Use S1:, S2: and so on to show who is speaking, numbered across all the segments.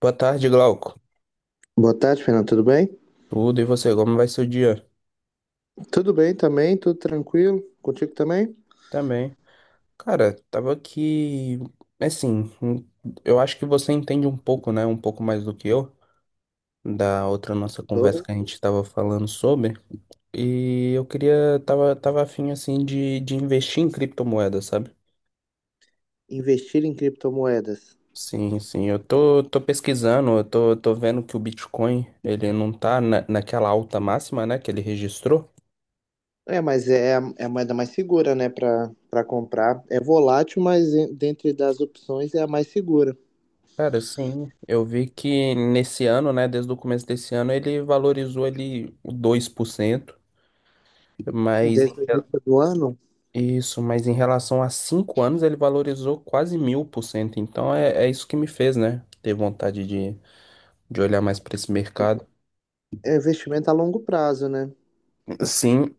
S1: Boa tarde, Glauco.
S2: Boa tarde, Fernando. Tudo bem?
S1: Tudo e você, como vai seu dia?
S2: Tudo bem também, tudo tranquilo. Contigo também?
S1: Também. Cara, tava aqui. Assim, eu acho que você entende um pouco, né? Um pouco mais do que eu, da outra nossa conversa
S2: Sobre
S1: que a gente tava falando sobre. E eu queria. Tava afim assim, de investir em criptomoedas, sabe?
S2: investir em criptomoedas.
S1: Sim, sim. Eu tô pesquisando, eu tô vendo que o Bitcoin, ele não tá naquela alta máxima, né? Que ele registrou.
S2: É, mas é a moeda mais segura, né, para comprar. É volátil, mas dentre das opções é a mais segura.
S1: Cara, sim, eu vi que nesse ano, né, desde o começo desse ano, ele valorizou ali o 2%, mas em
S2: Desde o
S1: re-
S2: início do ano,
S1: isso, mas em relação a 5 anos, ele valorizou quase 1.000%. Então é isso que me fez, né, ter vontade de olhar mais para esse mercado.
S2: é investimento a longo prazo, né?
S1: Sim,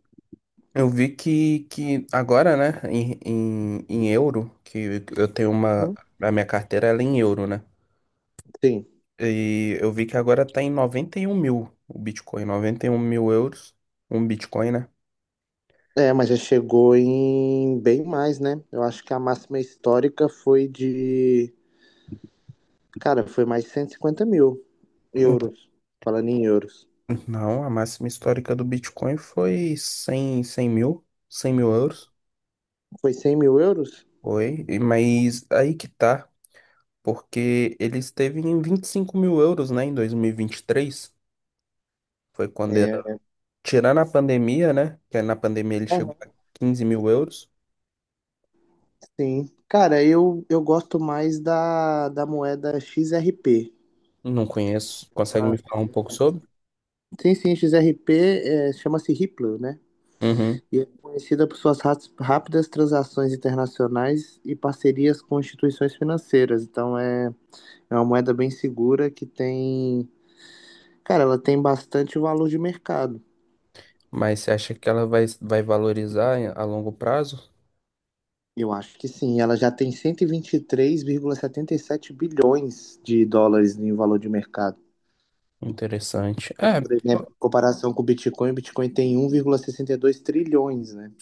S1: eu vi que agora, né, em euro, que eu tenho
S2: Uhum.
S1: a minha carteira ela é em euro, né?
S2: Sim.
S1: E eu vi que agora tá em 91 mil o Bitcoin, 91 mil euros, um Bitcoin, né?
S2: É, mas já chegou em bem mais, né? Eu acho que a máxima histórica foi de, cara, foi mais de 150 mil euros. Falando em euros.
S1: Não, a máxima histórica do Bitcoin foi cem mil, 100 mil euros,
S2: Foi 100 mil euros?
S1: foi, mas aí que tá, porque ele esteve em 25 mil euros, né, em dois mil e vinte e três, foi quando,
S2: É,
S1: tirando a pandemia, né, que na pandemia ele chegou
S2: aham.
S1: a 15 mil euros.
S2: Sim. Cara, eu gosto mais da moeda XRP.
S1: Não conheço, consegue
S2: Ah,
S1: me falar um pouco sobre?
S2: sim, sim, XRP é, chama-se Ripple, né?
S1: Uhum.
S2: E é conhecida por suas rápidas transações internacionais e parcerias com instituições financeiras. Então é uma moeda bem segura que tem. Cara, ela tem bastante valor de mercado.
S1: Mas você acha que ela vai valorizar a longo prazo?
S2: Eu acho que sim. Ela já tem cento e vinte três vírgula setenta e sete bilhões de dólares em valor de mercado.
S1: Interessante.
S2: Mas,
S1: É,
S2: por exemplo, em comparação com o Bitcoin tem 1,62 trilhões, né?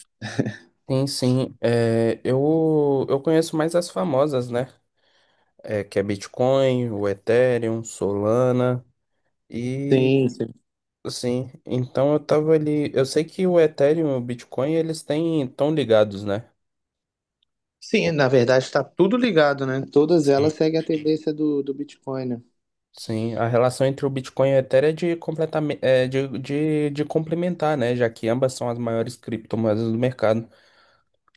S1: sim, sim. É, eu conheço mais as famosas, né? É, que é Bitcoin, o Ethereum, Solana e
S2: Sim, sim.
S1: assim. Então eu tava ali. Eu sei que o Ethereum e o Bitcoin eles têm tão ligados, né?
S2: Sim,
S1: O-
S2: na verdade está tudo ligado, né? Todas
S1: Sim.
S2: elas seguem a tendência do Bitcoin, né?
S1: Sim, a relação entre o Bitcoin e o Ethereum é de completamente é de complementar, né? Já que ambas são as maiores criptomoedas do mercado,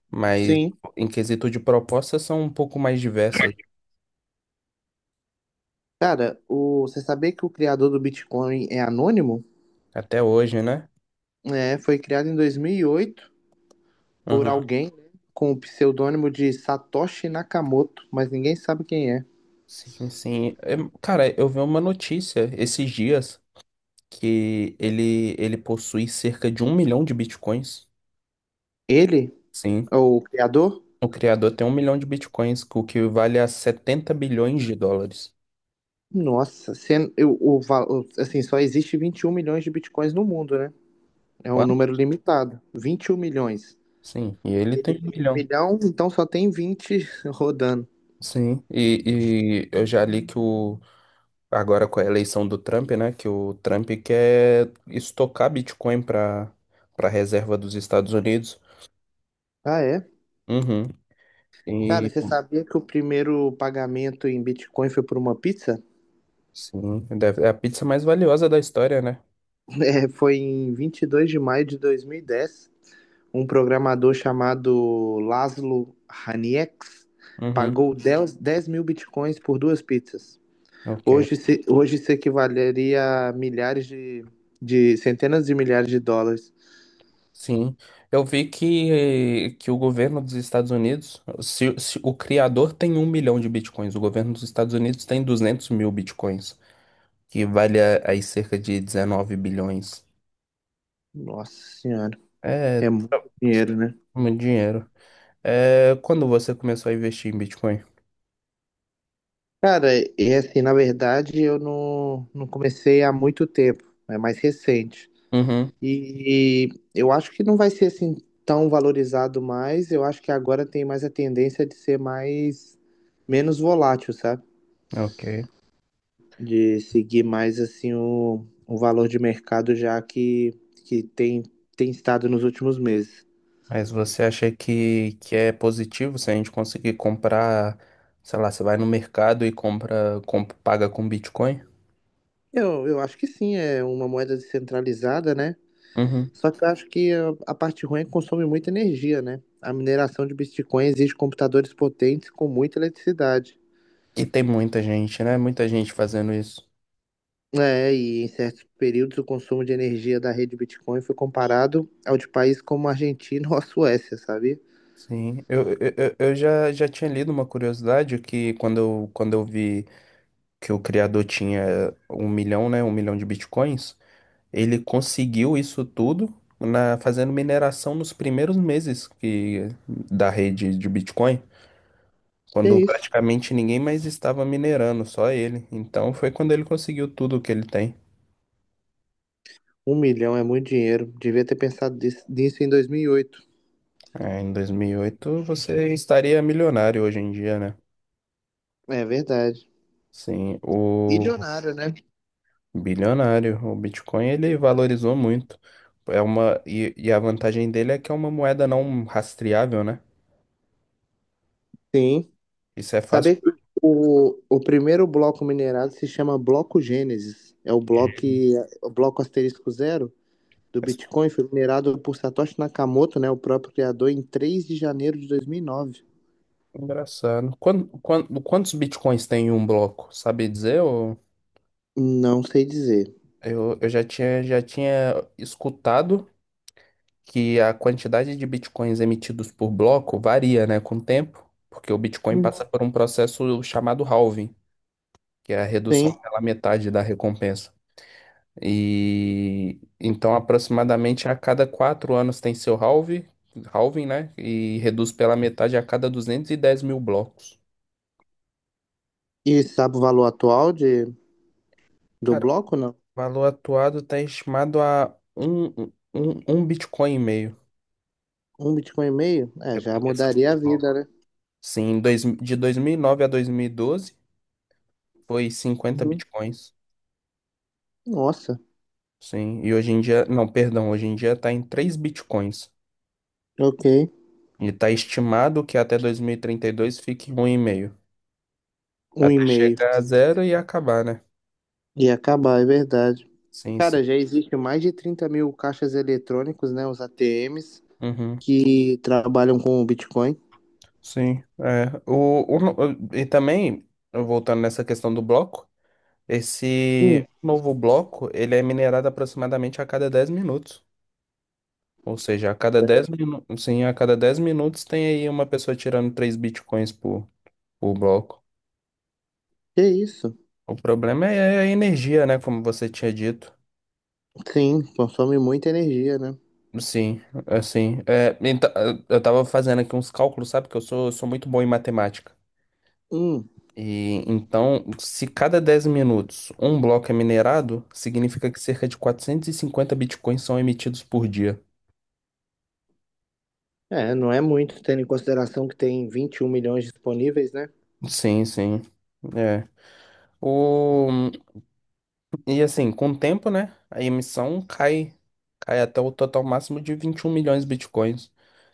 S1: mas
S2: Sim.
S1: em quesito de propostas são um pouco mais diversas
S2: Cara, você sabia que o criador do Bitcoin é anônimo?
S1: até hoje, né?
S2: É, foi criado em 2008 por
S1: Uhum.
S2: alguém, né, com o pseudônimo de Satoshi Nakamoto, mas ninguém sabe quem é.
S1: Sim, sim. É, cara, eu vi uma notícia esses dias que ele possui cerca de 1 milhão de bitcoins.
S2: Ele
S1: Sim,
S2: é o criador,
S1: o criador tem um milhão de bitcoins, o que vale a 70 bilhões de dólares.
S2: nossa, sendo, assim, só existe 21 milhões de bitcoins no mundo, né? É um
S1: Quanto?
S2: número limitado. 21 milhões.
S1: Sim, e ele
S2: Ele
S1: tem um
S2: tem um
S1: milhão.
S2: milhão, então só tem 20 rodando.
S1: Sim, e eu já li que o, agora com a eleição do Trump, né, que o Trump quer estocar Bitcoin para para reserva dos Estados Unidos.
S2: Ah, é?
S1: Uhum.
S2: Cara,
S1: E
S2: você sabia que o primeiro pagamento em Bitcoin foi por uma pizza?
S1: sim, é a pizza mais valiosa da história, né?
S2: É, foi em 22 de maio de 2010. Um programador chamado Laszlo Haniex
S1: Uhum,
S2: pagou 10 10 mil Bitcoins por duas pizzas.
S1: ok.
S2: Hoje, se, hoje isso equivaleria a centenas de milhares de dólares.
S1: Sim. Eu vi que o governo dos Estados Unidos, se o criador tem um milhão de bitcoins, o governo dos Estados Unidos tem 200 mil bitcoins, que vale aí cerca de 19 bilhões.
S2: Nossa senhora,
S1: É,
S2: é
S1: é
S2: muito dinheiro, né?
S1: muito dinheiro. É, quando você começou a investir em Bitcoin?
S2: Cara, é assim, na verdade, eu não comecei há muito tempo, é mais recente.
S1: Uhum,
S2: E, eu acho que não vai ser assim tão valorizado mais. Eu acho que agora tem mais a tendência de ser mais menos volátil, sabe?
S1: ok.
S2: De seguir mais assim o valor de mercado já que tem estado nos últimos meses.
S1: Mas você acha que é positivo se a gente conseguir comprar, sei lá, você vai no mercado e compra, paga com Bitcoin?
S2: Eu acho que sim, é uma moeda descentralizada, né?
S1: Uhum.
S2: Só que eu acho que a parte ruim é que consome muita energia, né? A mineração de Bitcoin exige computadores potentes com muita eletricidade.
S1: E tem muita gente, né? Muita gente fazendo isso.
S2: É, e em certos períodos o consumo de energia da rede Bitcoin foi comparado ao de países como a Argentina ou a Suécia, sabia?
S1: Sim, eu já tinha lido uma curiosidade que quando eu vi que o criador tinha um milhão, né? Um milhão de bitcoins, ele conseguiu isso tudo na, fazendo mineração nos primeiros meses da rede de Bitcoin,
S2: E é
S1: quando
S2: isso.
S1: praticamente ninguém mais estava minerando, só ele. Então foi quando ele conseguiu tudo que ele tem.
S2: Um milhão é muito dinheiro. Devia ter pensado nisso em 2008.
S1: É, em 2008 você estaria milionário hoje em dia, né?
S2: É verdade.
S1: Sim, o
S2: Milionário, né?
S1: bilionário. O Bitcoin ele valorizou muito. É uma e a vantagem dele é que é uma moeda não rastreável, né?
S2: Sim.
S1: Isso é fácil.
S2: Saber que o primeiro bloco minerado se chama bloco Gênesis. É o bloco asterisco zero do Bitcoin foi minerado por Satoshi Nakamoto, né, o próprio criador, em 3 de janeiro de 2009.
S1: É engraçado. Quantos bitcoins tem em um bloco? Sabe dizer? Ou...
S2: Não sei dizer.
S1: Eu já tinha escutado que a quantidade de bitcoins emitidos por bloco varia, né, com o tempo, porque o Bitcoin
S2: Uhum.
S1: passa por um processo chamado halving, que é a redução
S2: Sim.
S1: pela metade da recompensa. E então, aproximadamente a cada 4 anos tem seu halving, né? E reduz pela metade a cada 210 mil blocos.
S2: E sabe o valor atual do
S1: Cara, o
S2: bloco, não?
S1: valor atuado está estimado a um Bitcoin e meio.
S2: Um Bitcoin e meio? É, já
S1: Recompensa
S2: mudaria a
S1: por
S2: vida,
S1: bloco.
S2: né?
S1: Sim, dois, de 2009 a 2012 foi cinquenta
S2: Uhum.
S1: Bitcoins.
S2: Nossa,
S1: Sim, e hoje em dia, não, perdão, hoje em dia está em 3 Bitcoins.
S2: ok.
S1: E está estimado que até dois mil e trinta e dois fique um e meio.
S2: Um e
S1: Até
S2: meio.
S1: chegar a zero e acabar, né?
S2: Ia acabar, é verdade.
S1: Sim, sim.
S2: Cara, já existe mais de 30 mil caixas eletrônicos, né? Os ATMs,
S1: Uhum.
S2: que trabalham com o Bitcoin.
S1: Sim, é. O, no- E também, voltando nessa questão do bloco, esse
S2: Hum.
S1: novo bloco, ele é minerado aproximadamente a cada 10 minutos. Ou seja, a cada 10 minutos, sim, a cada 10 minutos tem aí uma pessoa tirando 3 bitcoins por bloco.
S2: Que isso?
S1: O problema é a energia, né, como você tinha dito.
S2: Sim, consome muita energia, né?
S1: Sim, assim, é, então, eu tava fazendo aqui uns cálculos, sabe, que eu sou muito bom em matemática.
S2: Hum.
S1: E então, se cada 10 minutos um bloco é minerado, significa que cerca de 450 bitcoins são emitidos por dia.
S2: É, não é muito, tendo em consideração que tem 21 milhões disponíveis, né?
S1: Sim, sim. É. O... E assim, com o tempo, né? A emissão cai até o total máximo de 21 milhões de bitcoins,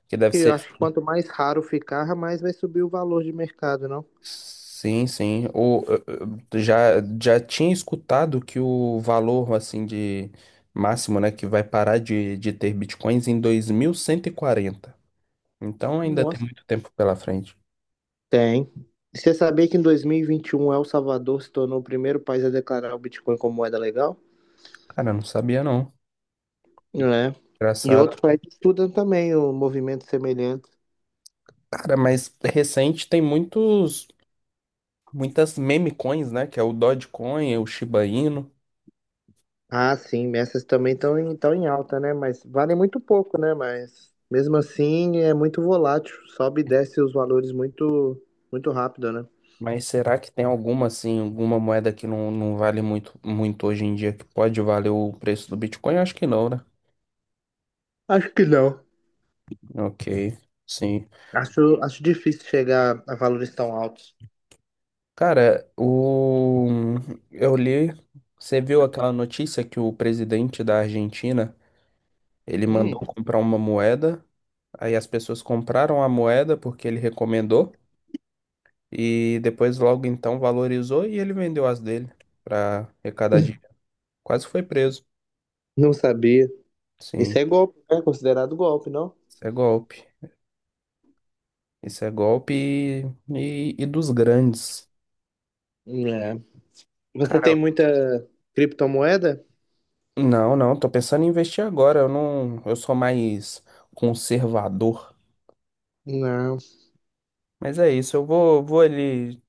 S1: que deve
S2: E eu
S1: ser.
S2: acho que quanto mais raro ficar, mais vai subir o valor de mercado, não?
S1: Sim, sim. Eu já tinha escutado que o valor, assim, de máximo, né? Que vai parar de ter bitcoins em 2140. Então ainda tem
S2: Nossa.
S1: muito tempo pela frente.
S2: Tem. E você sabia que em dois mil e vinte e um El Salvador se tornou o primeiro país a declarar o Bitcoin como moeda legal?
S1: Cara, eu não sabia não.
S2: É. E
S1: Engraçado.
S2: outros países estudam também o movimento semelhante.
S1: Cara, mas recente tem muitas meme coins, né? Que é o Dogecoin, o Shiba Inu.
S2: Ah, sim, essas também estão em alta, né? Mas valem muito pouco, né? Mas mesmo assim é muito volátil, sobe e desce os valores muito, muito rápido, né?
S1: Mas será que tem alguma assim, alguma moeda que não vale muito, muito hoje em dia que pode valer o preço do Bitcoin? Acho que não, né?
S2: Acho que não.
S1: Ok, sim.
S2: Acho difícil chegar a valores tão altos.
S1: Cara, eu li, você viu aquela notícia que o presidente da Argentina, ele mandou
S2: Hum,
S1: comprar uma moeda. Aí as pessoas compraram a moeda porque ele recomendou e depois logo então valorizou e ele vendeu as dele para arrecadar dinheiro. Quase foi preso.
S2: Não sabia.
S1: Sim,
S2: Isso é golpe, é considerado golpe, não?
S1: isso é golpe. Isso é golpe e dos grandes.
S2: É. Você
S1: Cara,
S2: tem muita criptomoeda?
S1: não, não, tô pensando em investir agora. Eu não, eu sou mais conservador.
S2: Não.
S1: Mas é isso, eu vou ali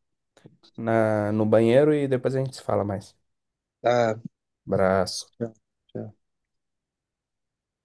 S1: na, no banheiro e depois a gente se fala mais.
S2: Ah,
S1: Abraço.
S2: já, já.